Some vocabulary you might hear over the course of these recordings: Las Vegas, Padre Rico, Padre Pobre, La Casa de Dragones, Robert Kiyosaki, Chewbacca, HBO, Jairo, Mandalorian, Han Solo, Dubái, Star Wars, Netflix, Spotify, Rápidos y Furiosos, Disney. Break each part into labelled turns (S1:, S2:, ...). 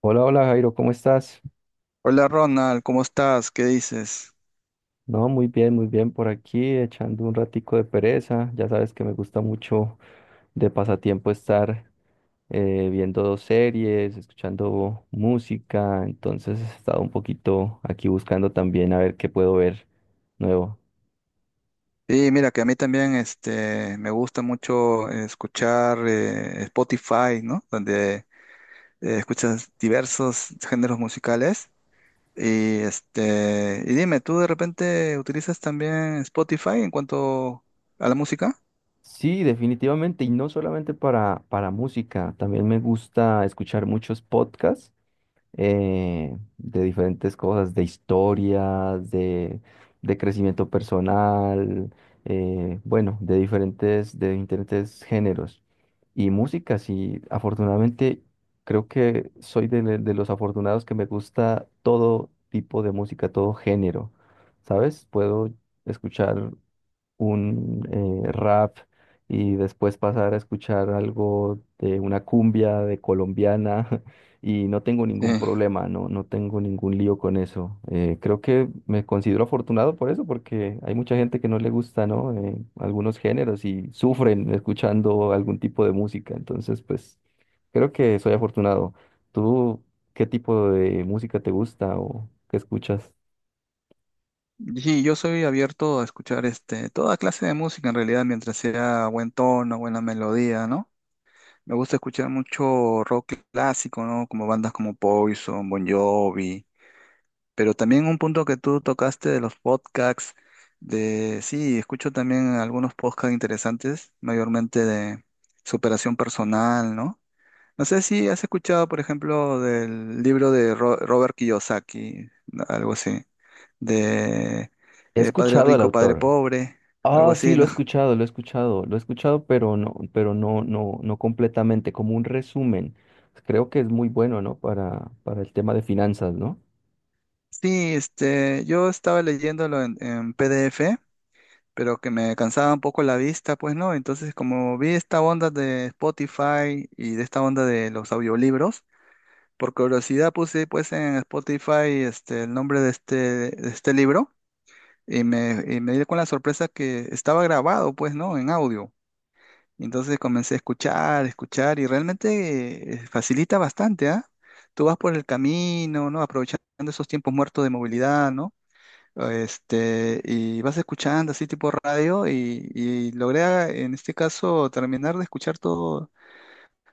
S1: Hola, hola Jairo, ¿cómo estás?
S2: Hola Ronald, ¿cómo estás? ¿Qué dices?
S1: No, muy bien por aquí, echando un ratico de pereza. Ya sabes que me gusta mucho de pasatiempo estar viendo dos series, escuchando música, entonces he estado un poquito aquí buscando también a ver qué puedo ver nuevo.
S2: Sí, mira que a mí también me gusta mucho escuchar Spotify, ¿no? Donde escuchas diversos géneros musicales. Y dime, ¿tú de repente utilizas también Spotify en cuanto a la música?
S1: Sí, definitivamente, y no solamente para música, también me gusta escuchar muchos podcasts. De diferentes cosas, de historias, de crecimiento personal, bueno, de de diferentes géneros. Y música, sí, afortunadamente creo que soy de los afortunados que me gusta todo tipo de música, todo género, ¿sabes? Puedo escuchar un rap y después pasar a escuchar algo de una cumbia de colombiana y no tengo ningún
S2: Sí.
S1: problema, no, no tengo ningún lío con eso. Creo que me considero afortunado por eso, porque hay mucha gente que no le gusta, ¿no? Algunos géneros y sufren escuchando algún tipo de música, entonces pues creo que soy afortunado. ¿Tú qué tipo de música te gusta o qué escuchas?
S2: Sí, yo soy abierto a escuchar toda clase de música en realidad, mientras sea buen tono, buena melodía, ¿no? Me gusta escuchar mucho rock clásico, ¿no? Como bandas como Poison, Bon Jovi, pero también un punto que tú tocaste de los podcasts, de sí, escucho también algunos podcasts interesantes, mayormente de superación personal, ¿no? No sé si has escuchado, por ejemplo, del libro de Robert Kiyosaki, algo así, de
S1: He
S2: Padre
S1: escuchado al
S2: Rico, Padre
S1: autor.
S2: Pobre, algo
S1: Ah, sí,
S2: así,
S1: lo he
S2: ¿no?
S1: escuchado, lo he escuchado, lo he escuchado, pero no, no, no completamente, como un resumen. Creo que es muy bueno, ¿no? Para el tema de finanzas, ¿no?
S2: Sí, este, yo estaba leyéndolo en PDF, pero que me cansaba un poco la vista, pues no. Entonces, como vi esta onda de Spotify y de esta onda de los audiolibros, por curiosidad puse pues en Spotify el nombre de este libro y me di con la sorpresa que estaba grabado, pues no, en audio. Entonces comencé a escuchar, escuchar y realmente facilita bastante, ¿ah? Tú vas por el camino, ¿no? Aprovechando esos tiempos muertos de movilidad, ¿no? Este, y vas escuchando así tipo radio y en este caso terminar de escuchar todo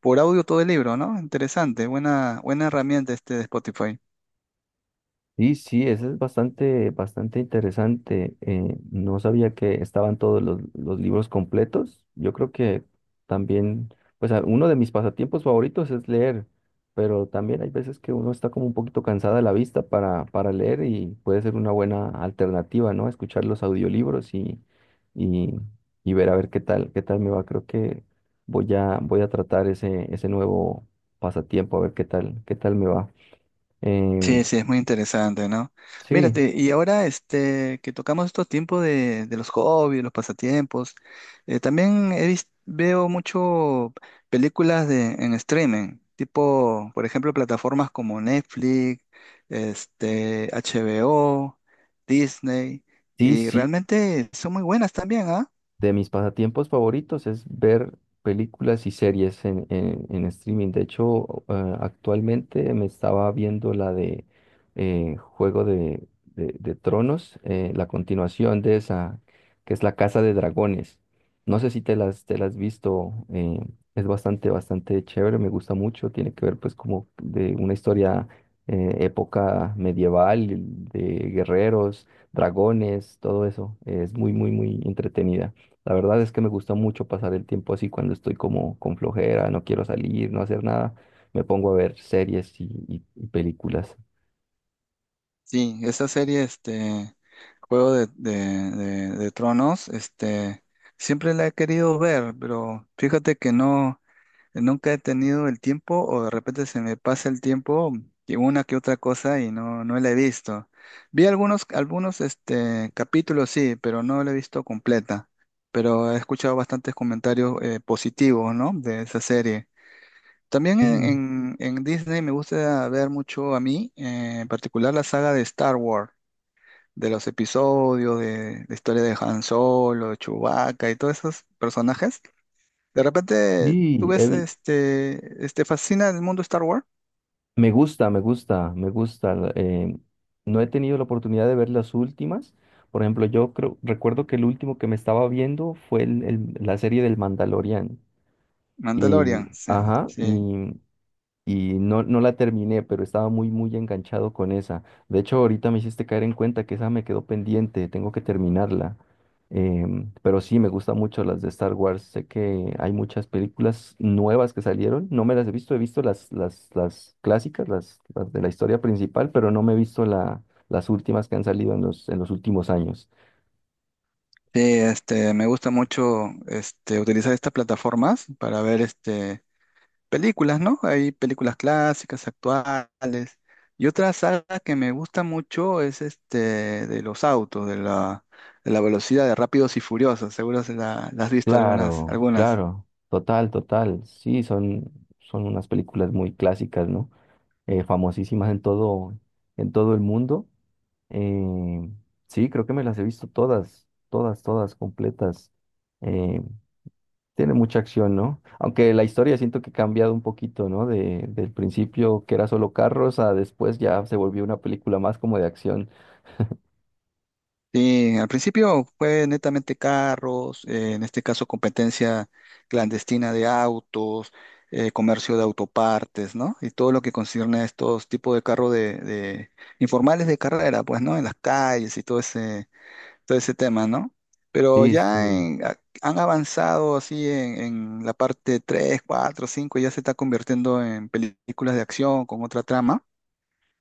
S2: por audio todo el libro, ¿no? Interesante, buena herramienta este de Spotify.
S1: Sí, sí, eso es bastante, bastante interesante. No sabía que estaban todos los libros completos. Yo creo que también, pues uno de mis pasatiempos favoritos es leer, pero también hay veces que uno está como un poquito cansada de la vista para leer y puede ser una buena alternativa, ¿no? Escuchar los audiolibros y, y ver a ver qué tal me va. Creo que voy a tratar ese nuevo pasatiempo, a ver qué tal me va.
S2: Sí,
S1: Em,
S2: sí, es muy interesante, ¿no?
S1: Sí,
S2: Mírate, y ahora este, que tocamos estos tiempos de los hobbies, los pasatiempos, también veo mucho películas de, en streaming, tipo, por ejemplo, plataformas como Netflix, este, HBO, Disney,
S1: Sí,
S2: y
S1: sí,
S2: realmente son muy buenas también, ¿ah?
S1: de mis pasatiempos favoritos es ver películas y series en streaming. De hecho, actualmente me estaba viendo la de Juego de Tronos, la continuación de esa, que es La Casa de Dragones. No sé si te las has visto, es bastante, bastante chévere, me gusta mucho. Tiene que ver pues como de una historia época medieval, de guerreros, dragones, todo eso. Es muy, muy, muy entretenida. La verdad es que me gusta mucho pasar el tiempo así cuando estoy como con flojera, no quiero salir, no hacer nada. Me pongo a ver series y películas.
S2: Sí, esa serie, este, Juego de Tronos, este, siempre la he querido ver, pero fíjate que no, nunca he tenido el tiempo o de repente se me pasa el tiempo y una que otra cosa y no, no la he visto. Vi algunos, este, capítulos, sí, pero no la he visto completa, pero he escuchado bastantes comentarios positivos, ¿no? De esa serie. También
S1: Sí,
S2: en Disney me gusta ver mucho a mí, en particular la saga de Star Wars de los episodios, de la historia de Han Solo, de Chewbacca y todos esos personajes. De repente tú
S1: sí,
S2: ves, este fascina el mundo Star Wars,
S1: me gusta, me gusta, me gusta. No he tenido la oportunidad de ver las últimas. Por ejemplo, yo creo, recuerdo que el último que me estaba viendo fue la serie del Mandalorian. Y,
S2: Mandalorian, sí,
S1: ajá,
S2: sí.
S1: y no, no la terminé, pero estaba muy, muy enganchado con esa. De hecho, ahorita me hiciste caer en cuenta que esa me quedó pendiente, tengo que terminarla. Pero sí, me gustan mucho las de Star Wars. Sé que hay muchas películas nuevas que salieron. No me las he visto las clásicas, las de la historia principal, pero no me he visto las últimas que han salido en en los últimos años.
S2: Sí, este, me gusta mucho utilizar estas plataformas para ver este, películas, ¿no? Hay películas clásicas, actuales. Y otra saga que me gusta mucho es este de los autos, de la velocidad de Rápidos y Furiosos. Seguro se la has visto algunas,
S1: Claro,
S2: algunas.
S1: claro, total, total. Sí, son unas películas muy clásicas, ¿no? Famosísimas en todo el mundo. Eh, sí, creo que me las he visto todas, todas, todas completas. Eh, Tiene mucha acción, ¿no? Aunque la historia siento que ha cambiado un poquito, ¿no? De, del principio que era solo carros a después ya se volvió una película más como de acción.
S2: Sí, al principio fue netamente carros, en este caso competencia clandestina de autos, comercio de autopartes, ¿no? Y todo lo que concierne a estos tipos de carros informales de carrera, pues, ¿no? En las calles y todo ese tema, ¿no? Pero
S1: Sí,
S2: ya
S1: sí.
S2: han avanzado así en la parte 3, 4, 5, ya se está convirtiendo en películas de acción con otra trama.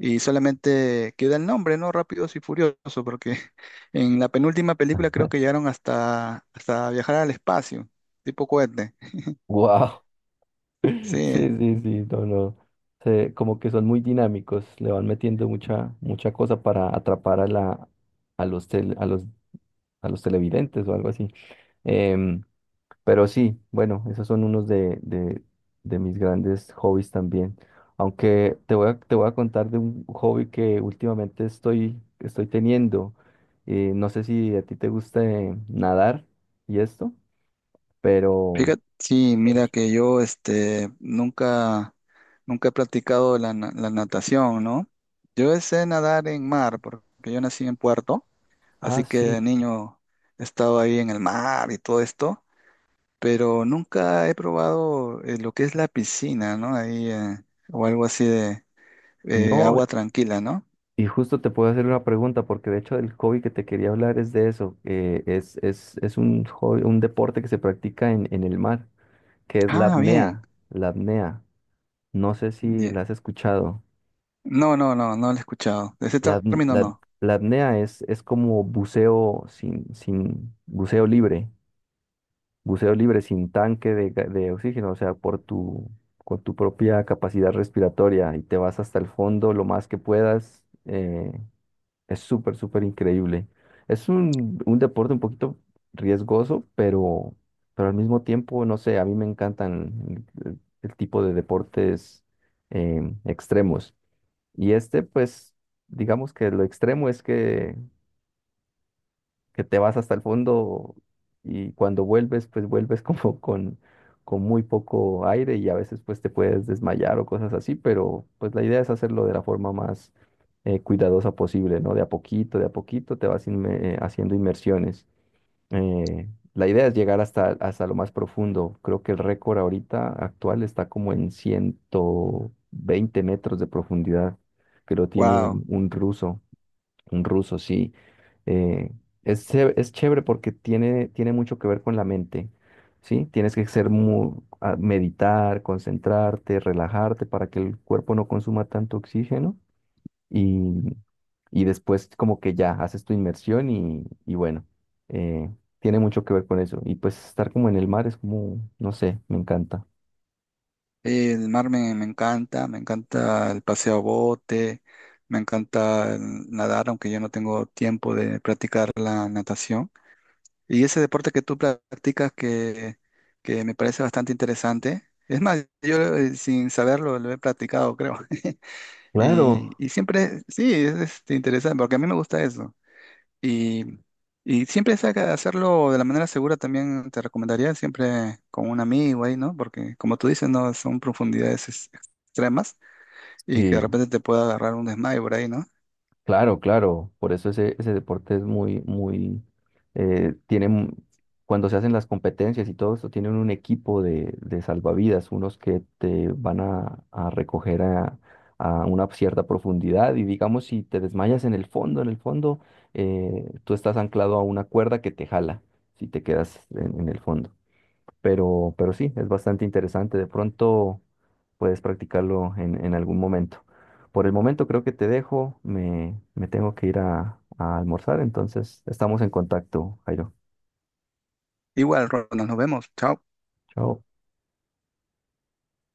S2: Y solamente queda el nombre, ¿no? Rápidos y Furiosos, porque en la penúltima película creo que llegaron hasta, hasta viajar al espacio, tipo cohete.
S1: Wow. Sí,
S2: Sí,
S1: sí, sí, no, no. Como que son muy dinámicos, le van metiendo mucha, mucha cosa para atrapar a la, a los, tel- a los a los televidentes o algo así. Em, pero sí, bueno, esos son unos de mis grandes hobbies también. Aunque te voy a contar de un hobby que últimamente estoy, estoy teniendo. No sé si a ti te guste nadar y esto, pero...
S2: fíjate, sí,
S1: en-
S2: mira que yo este, nunca, nunca he practicado la natación, ¿no? Yo sé nadar en mar, porque yo nací en Puerto, así
S1: Ah,
S2: que
S1: sí.
S2: de niño he estado ahí en el mar y todo esto, pero nunca he probado lo que es la piscina, ¿no? Ahí, o algo así.
S1: No,
S2: Agua tranquila, ¿no?
S1: y justo te puedo hacer una pregunta, porque de hecho el hobby que te quería hablar es de eso. Es, es un un deporte que se practica en el mar. Que es la
S2: Ah, bien.
S1: apnea. La apnea. No sé si
S2: Ya.
S1: la has escuchado.
S2: No, no, no, no lo he escuchado. De ese
S1: La, apn-
S2: término
S1: la-
S2: no.
S1: la apnea es como buceo sin buceo libre, buceo libre sin tanque de oxígeno, o sea, por tu, con tu propia capacidad respiratoria y te vas hasta el fondo lo más que puedas. Es súper, súper increíble. Es un deporte un poquito riesgoso, pero al mismo tiempo, no sé, a mí me encantan el tipo de deportes extremos. Y este, pues, digamos que lo extremo es que te vas hasta el fondo y cuando vuelves, pues vuelves como con muy poco aire y a veces pues te puedes desmayar o cosas así, pero pues la idea es hacerlo de la forma más cuidadosa posible, ¿no? De a poquito haciendo inmersiones. La idea es llegar hasta, hasta lo más profundo. Creo que el récord ahorita actual está como en 120 metros de profundidad, que lo tiene
S2: Wow.
S1: un ruso. Un ruso, sí. Eh, es, es chévere porque tiene, tiene mucho que ver con la mente, ¿sí? Tienes que ser meditar, concentrarte, relajarte para que el cuerpo no consuma tanto oxígeno y, y después como que ya haces tu inmersión y bueno, eh, tiene mucho que ver con eso. Y pues estar como en el mar es como, no sé, me encanta.
S2: El mar me encanta el paseo a bote, me encanta el nadar, aunque yo no tengo tiempo de practicar la natación. Y ese deporte que tú practicas que me parece bastante interesante. Es más, yo sin saberlo lo he practicado, creo. Y,
S1: Claro.
S2: y siempre, sí, es interesante, porque a mí me gusta eso. Y, y siempre saca de hacerlo de la manera segura también te recomendaría, siempre con un amigo ahí, ¿no? Porque como tú dices, no son profundidades extremas y que de
S1: Sí.
S2: repente te pueda agarrar un desmayo por ahí, ¿no?
S1: Claro, claro, por eso ese, ese deporte es muy, muy, tiene, cuando se hacen las competencias y todo esto, tienen un equipo de salvavidas, unos que a recoger a una cierta profundidad y digamos si te desmayas en el fondo, tú estás anclado a una cuerda que te jala si te quedas en el fondo, pero sí, es bastante interesante. De pronto puedes practicarlo en algún momento. Por el momento creo que te dejo, me tengo que ir a almorzar, entonces estamos en contacto, Jairo.
S2: Igual, Ronald, nos vemos. Chao.
S1: Chao.